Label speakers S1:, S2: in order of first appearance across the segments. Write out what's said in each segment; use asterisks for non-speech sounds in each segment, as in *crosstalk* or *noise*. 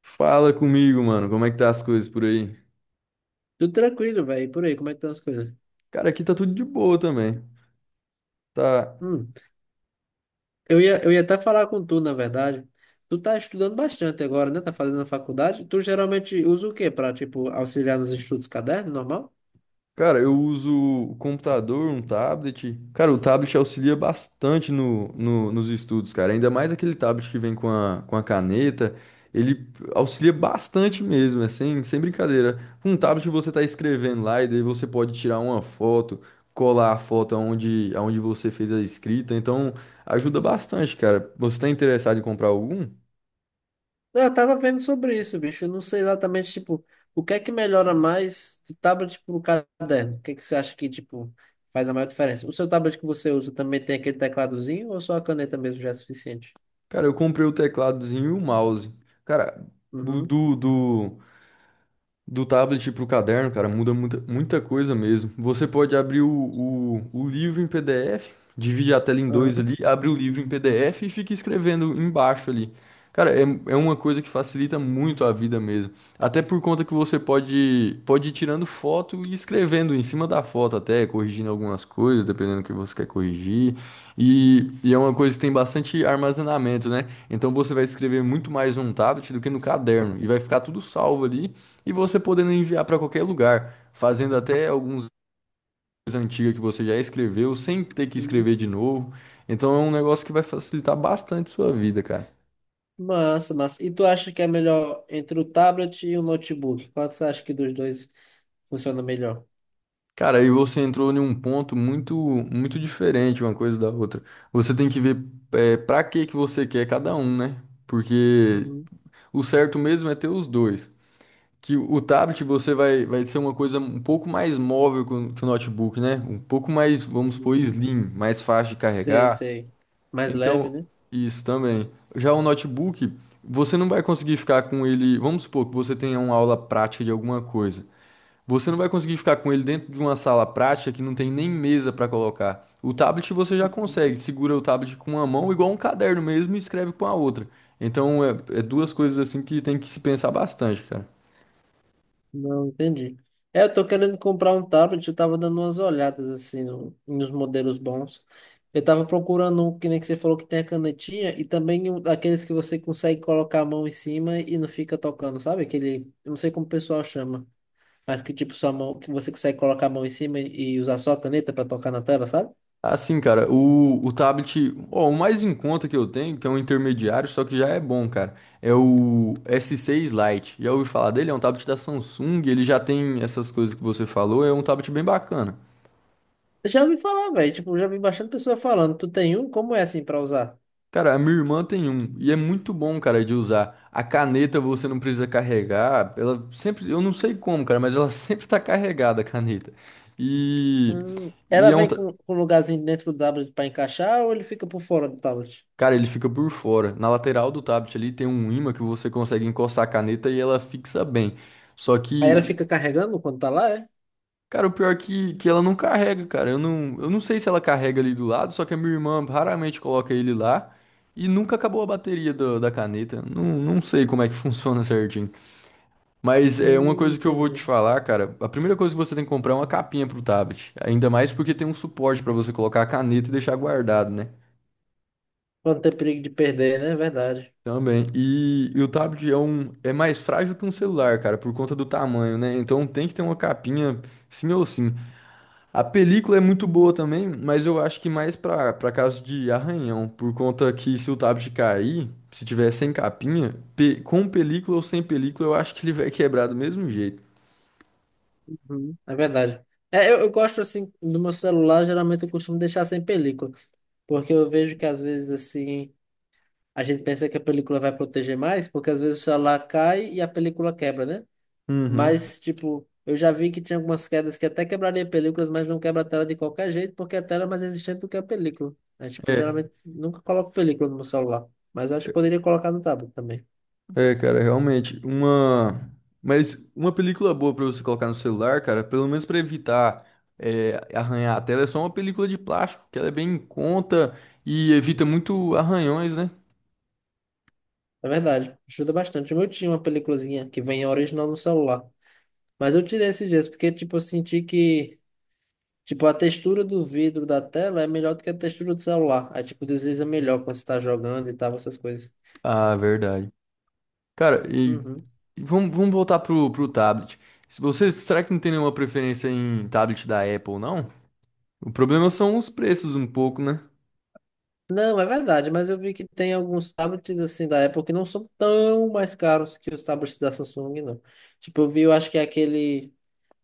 S1: Fala comigo, mano. Como é que tá as coisas por aí?
S2: Tudo tranquilo, velho. E por aí, como é que estão as coisas?
S1: Cara, aqui tá tudo de boa também. Tá.
S2: Hum. Eu ia até falar com tu, na verdade. Tu tá estudando bastante agora, né? Tá fazendo a faculdade. Tu geralmente usa o quê pra, tipo, auxiliar nos estudos caderno, normal?
S1: Cara, eu uso o computador, um tablet. Cara, o tablet auxilia bastante nos estudos, cara. Ainda mais aquele tablet que vem com a caneta. Ele auxilia bastante mesmo, é sem brincadeira. Com um tablet você tá escrevendo lá e daí você pode tirar uma foto, colar a foto aonde você fez a escrita. Então, ajuda bastante, cara. Você tá interessado em comprar algum?
S2: Eu tava vendo sobre isso, bicho. Eu não sei exatamente, tipo, o que é que melhora mais de tablet pro caderno? O que é que você acha que, tipo, faz a maior diferença? O seu tablet que você usa também tem aquele tecladozinho ou só a caneta mesmo já é suficiente?
S1: Cara, eu comprei o tecladozinho e o mouse. Cara, do,
S2: Uhum.
S1: do, do- do tablet para o caderno, cara, muda muita coisa mesmo. Você pode abrir o livro em PDF, divide a tela em dois
S2: Aham.
S1: ali, abre o livro em PDF e fica escrevendo embaixo ali. Cara, é uma coisa que facilita muito a vida mesmo. Até por conta que você pode ir tirando foto e escrevendo em cima da foto até, corrigindo algumas coisas, dependendo do que você quer corrigir. E é uma coisa que tem bastante armazenamento, né? Então você vai escrever muito mais num tablet do que no caderno. E vai ficar tudo salvo ali. E você podendo enviar para qualquer lugar, fazendo até alguns antigos que você já escreveu, sem ter que
S2: Uhum.
S1: escrever de novo. Então é um negócio que vai facilitar bastante sua vida, cara.
S2: Massa, massa. E tu acha que é melhor entre o tablet e o notebook? Qual você acha que dos dois funciona melhor?
S1: Cara, aí você entrou em um ponto muito, muito diferente uma coisa da outra. Você tem que ver é, para que que você quer cada um, né? Porque
S2: Uhum,
S1: o certo mesmo é ter os dois. Que o tablet vai ser uma coisa um pouco mais móvel que o notebook, né? Um pouco mais, vamos supor,
S2: uhum.
S1: slim, mais fácil de
S2: Sei,
S1: carregar.
S2: sei. Mais leve,
S1: Então,
S2: né?
S1: isso também. Já o notebook, você não vai conseguir ficar com ele. Vamos supor que você tenha uma aula prática de alguma coisa. Você não vai conseguir ficar com ele dentro de uma sala prática que não tem nem mesa para colocar. O tablet você já consegue, segura o tablet com uma mão, igual um caderno mesmo, e escreve com a outra. Então, é duas coisas assim que tem que se pensar bastante, cara.
S2: Não, entendi. É, eu tô querendo comprar um tablet, eu tava dando umas olhadas assim nos modelos bons. Eu tava procurando um que nem que você falou que tem a canetinha e também um daqueles que você consegue colocar a mão em cima e não fica tocando, sabe? Aquele, eu não sei como o pessoal chama. Mas que tipo sua mão, que você consegue colocar a mão em cima e usar só a caneta pra tocar na tela, sabe?
S1: Assim, cara, o tablet, ó, o mais em conta que eu tenho, que é um intermediário, só que já é bom, cara, é o S6 Lite. Já ouvi falar dele? É um tablet da Samsung, ele já tem essas coisas que você falou, é um tablet bem bacana.
S2: Eu já ouvi falar, velho, tipo, já vi bastante pessoa falando. Tu tem um? Como é assim pra usar?
S1: Cara, a minha irmã tem um, e é muito bom, cara, de usar. A caneta você não precisa carregar, ela sempre, eu não sei como, cara, mas ela *laughs* sempre tá carregada a caneta. E,
S2: Ela
S1: e é um,
S2: vem
S1: ta-
S2: com um lugarzinho dentro do tablet pra encaixar ou ele fica por fora do tablet?
S1: Cara, ele fica por fora. Na lateral do tablet ali tem um ímã que você consegue encostar a caneta e ela fixa bem. Só
S2: Aí
S1: que,
S2: ela
S1: o-
S2: fica carregando quando tá lá, é?
S1: cara, o pior é que ela não carrega, cara. Eu não sei se ela carrega ali do lado, só que a minha irmã raramente coloca ele lá e nunca acabou a bateria do- da caneta. Não sei como é que *laughs* funciona certinho. Mas é uma coisa que eu vou te
S2: Entendi.
S1: falar, cara. A primeira coisa que você tem que comprar é uma capinha pro tablet. Ainda mais porque tem um suporte pra você colocar a caneta e deixar guardado, né?
S2: Pra não ter perigo de perder, né? Verdade.
S1: Também. E o tablet é, um, é mais frágil que um celular, cara, por conta do tamanho, né? Então tem que ter uma capinha, sim ou sim. A película é muito boa também, mas eu acho que mais pra para caso de arranhão, por conta que se o tablet cair, se tiver sem capinha, pe- com película ou sem película, eu acho que ele vai quebrar do mesmo jeito.
S2: Uhum. É verdade. É, eu gosto assim do meu celular, geralmente eu costumo deixar sem película, porque eu vejo que às vezes assim a gente pensa que a película vai proteger mais, porque às vezes o celular cai e a película quebra, né?
S1: Uhum.
S2: Mas tipo, eu já vi que tinha algumas quedas que até quebraria películas, mas não quebra a tela de qualquer jeito, porque a tela é mais resistente do que a película. É, tipo,
S1: É.
S2: geralmente nunca coloco película no meu celular, mas eu acho que poderia colocar no tablet também.
S1: É, cara, realmente, uma... Mas uma película boa pra você colocar no celular, cara, pelo menos pra evitar é, arranhar a tela, é só uma película de plástico, que ela é bem em conta e evita muito arranhões, né?
S2: É verdade, ajuda bastante. O meu tinha uma peliculazinha que vem original no celular. Mas eu tirei esses dias porque, tipo, eu senti que, tipo, a textura do vidro da tela é melhor do que a textura do celular. Aí, tipo, desliza melhor quando você tá jogando e tal, essas coisas.
S1: Ah, verdade. Cara, e
S2: Uhum.
S1: vamos voltar pro tablet. Se você, será que não tem nenhuma preferência em tablet da Apple, não? O problema são os preços um pouco, né?
S2: Não, é verdade, mas eu vi que tem alguns tablets, assim, da Apple que não são tão mais caros que os tablets da Samsung, não. Tipo, eu vi, eu acho que é aquele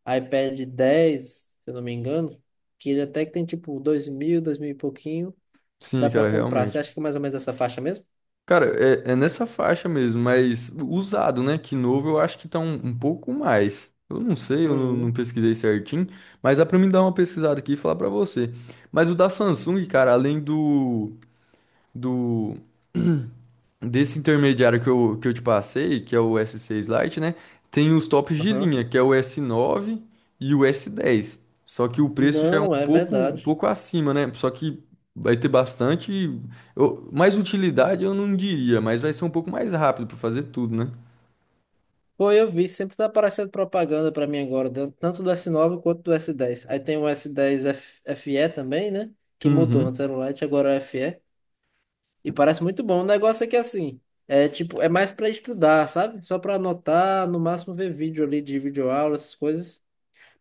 S2: iPad 10 se eu não me engano, que ele até que tem, tipo, 2.000, 2.000 e pouquinho,
S1: Sim,
S2: dá pra
S1: cara,
S2: comprar. Você
S1: realmente.
S2: acha que é mais ou menos essa faixa mesmo?
S1: Cara, é nessa faixa mesmo, mas usado, né? Que novo eu acho que tá um pouco mais. Eu não sei, eu não, não
S2: Uhum.
S1: pesquisei certinho, mas dá pra mim dar uma pesquisada aqui e falar pra você. Mas o da Samsung, cara, além do desse intermediário que eu te passei, que é o S6 Lite, né? Tem os tops de
S2: Aham.
S1: linha, que é o S9 e o S10. Só que o preço já é
S2: Não, é
S1: um
S2: verdade.
S1: pouco acima, né? Só que vai ter bastante. Eu- mais utilidade eu não diria, mas vai ser um pouco mais rápido para fazer tudo, né?
S2: Pô, eu vi, sempre tá aparecendo propaganda pra mim agora, tanto do S9 quanto do S10. Aí tem o S10 FE também, né? Que mudou, antes
S1: Uhum.
S2: era o Lite, agora é o FE. E parece muito bom. O negócio é que assim, é tipo, é mais pra estudar, sabe? Só pra anotar, no máximo ver vídeo ali de videoaula, essas coisas.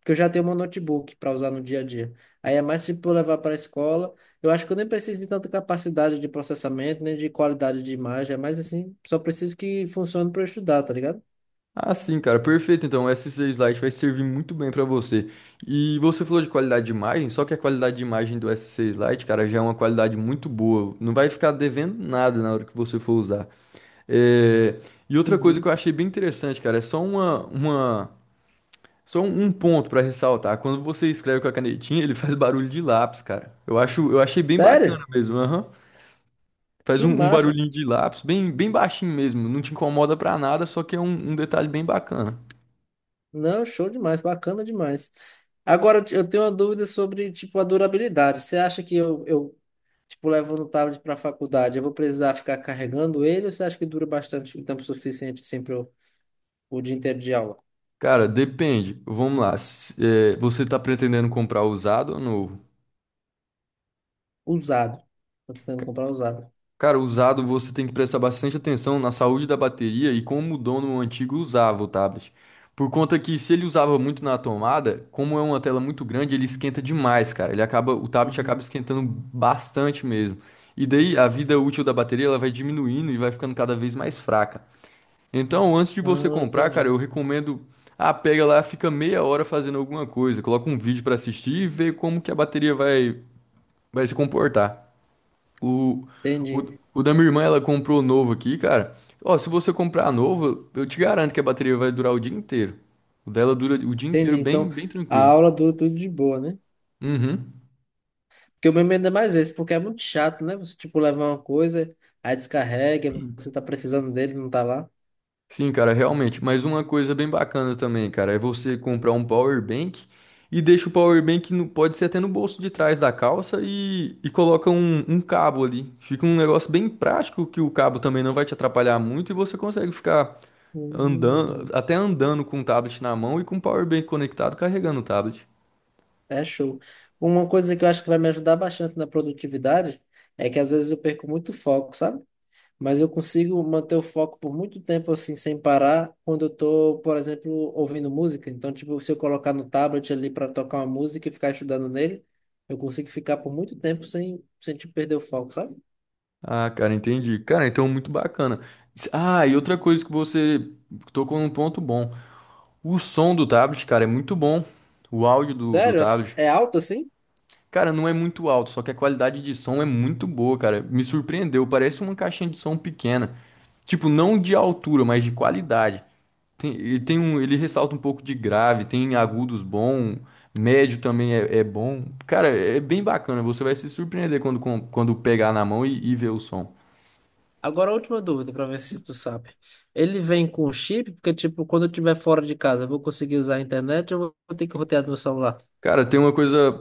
S2: Porque eu já tenho meu notebook pra usar no dia a dia. Aí é mais tipo eu levar pra escola. Eu acho que eu nem preciso de tanta capacidade de processamento, nem de qualidade de imagem. É mais assim, só preciso que funcione pra eu estudar, tá ligado?
S1: Ah, sim, cara, perfeito. Então, o SC Slide vai servir muito bem para você. E você falou de qualidade de imagem, só que a qualidade de imagem do s SC Slide, cara, já é uma qualidade muito boa. Não vai ficar devendo nada na hora que você for usar. É, e outra coisa
S2: Uhum.
S1: que eu achei bem interessante, cara, é só uma... só um ponto para ressaltar. Quando você escreve com a canetinha, ele *laughs* faz barulho de lápis, cara. Eu achei bem bacana
S2: Sério?
S1: mesmo. Aham. Faz
S2: Que
S1: um
S2: massa!
S1: barulhinho de lápis, bem baixinho mesmo. Não te incomoda pra nada, só que é um um detalhe bem bacana.
S2: Não, show demais, bacana demais. Agora eu tenho uma dúvida sobre, tipo, a durabilidade. Você acha que eu tipo, levo no tablet para a faculdade, eu vou precisar ficar carregando ele ou você acha que dura bastante, o tempo suficiente sempre o dia inteiro de aula?
S1: Cara, depende. Vamos lá. Se- você tá pretendendo comprar usado ou novo?
S2: Usado. Tô tentando comprar usado.
S1: Cara, usado você tem que prestar bastante atenção na saúde da bateria e como o dono antigo usava o tablet. Por conta que se ele usava muito na tomada, como é uma tela muito grande, ele esquenta demais, cara. Ele acaba, o tablet acaba
S2: Uhum.
S1: esquentando bastante mesmo. E daí a vida útil da bateria ela vai diminuindo e vai ficando cada vez mais fraca. Então, antes de você
S2: Ah,
S1: comprar, cara,
S2: entendi.
S1: eu recomendo. Ah, pega lá, fica meia hora fazendo alguma coisa, coloca um vídeo pra assistir e vê como que a bateria vai, vai se comportar. O, o,
S2: Entendi.
S1: o da minha irmã, ela comprou novo aqui, cara. Ó, se você comprar novo, eu te garanto que a bateria vai durar o dia inteiro. O dela dura o dia inteiro
S2: Entendi. Então,
S1: bem
S2: a
S1: tranquilo.
S2: aula dura tudo de boa, né?
S1: Uhum.
S2: Porque o meu medo é mais esse, porque é muito chato, né? Você, tipo, levar uma coisa, aí descarrega, você tá precisando dele, não tá lá.
S1: Sim, cara, realmente. Mas uma coisa bem bacana também, cara, é você comprar um power bank e deixa o power bank no, pode ser até no bolso de trás da calça e coloca um cabo ali. Fica um negócio bem prático que o cabo também não vai te atrapalhar muito e você consegue ficar andando,
S2: Hum.
S1: até andando com o tablet na mão e com o power bank conectado carregando o tablet.
S2: É show. Uma coisa que eu acho que vai me ajudar bastante na produtividade é que às vezes eu perco muito foco, sabe? Mas eu consigo manter o foco por muito tempo assim, sem parar, quando eu tô, por exemplo, ouvindo música. Então, tipo, se eu colocar no tablet ali para tocar uma música e ficar estudando nele, eu consigo ficar por muito tempo sem tipo, perder o foco, sabe?
S1: Ah, cara, entendi. Cara, então muito bacana. S- Ah, e outra coisa que você tocou num ponto bom. O som do tablet, cara, é muito bom. O áudio do
S2: Sério?
S1: tablet.
S2: É alto assim?
S1: Cara, não é muito alto, só que a qualidade de som é muito boa, cara. Me surpreendeu, parece uma caixinha de som pequena. Tipo, não de altura, mas de qualidade. Tem, e tem um, ele ressalta um pouco de grave, tem agudos bom, médio também é bom. Cara, é bem bacana, você vai se surpreender quando, com- quando pegar na mão e ver o som.
S2: Agora, a última dúvida para ver se tu sabe. Ele vem com chip, porque, tipo, quando eu estiver fora de casa, eu vou conseguir usar a internet ou eu vou ter que rotear do meu celular?
S1: Cara, tem uma coisa.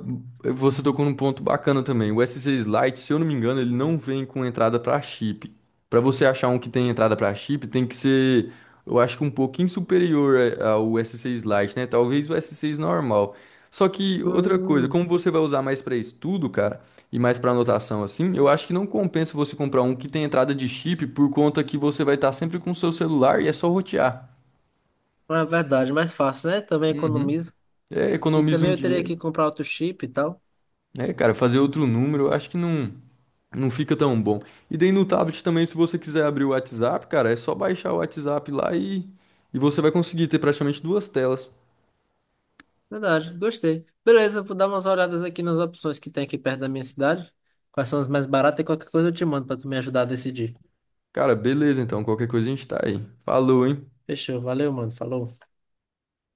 S1: Você tocou num ponto bacana também. O s SC Lite, se eu não me engano, ele não vem com entrada para chip. Para você achar um que tem entrada para chip, tem que ser, eu acho que um pouquinho superior a- ao SC Lite, né? Talvez o s SC normal. Só que outra coisa,
S2: Hum,
S1: como você vai usar mais para estudo, cara, e mais para anotação assim, eu acho que não compensa você comprar um que tem entrada de chip por conta que você vai estar sempre com o seu celular e é só rotear.
S2: é verdade, mais fácil, né? Também
S1: Uhum.
S2: economiza.
S1: É,
S2: E
S1: economiza
S2: também
S1: um
S2: eu teria
S1: dinheiro.
S2: que comprar outro chip e tal.
S1: É, cara, fazer outro número, eu acho que não, não fica tão bom. E daí no tablet também, se você quiser abrir o WhatsApp, cara, é só baixar o WhatsApp lá e você vai conseguir ter praticamente duas telas.
S2: Verdade, gostei. Beleza, eu vou dar umas olhadas aqui nas opções que tem aqui perto da minha cidade. Quais são as mais baratas e qualquer coisa eu te mando pra tu me ajudar a decidir.
S1: Cara, beleza, então, qualquer coisa a gente tá aí. Falou, hein?
S2: Fechou, valeu, mano. Falou.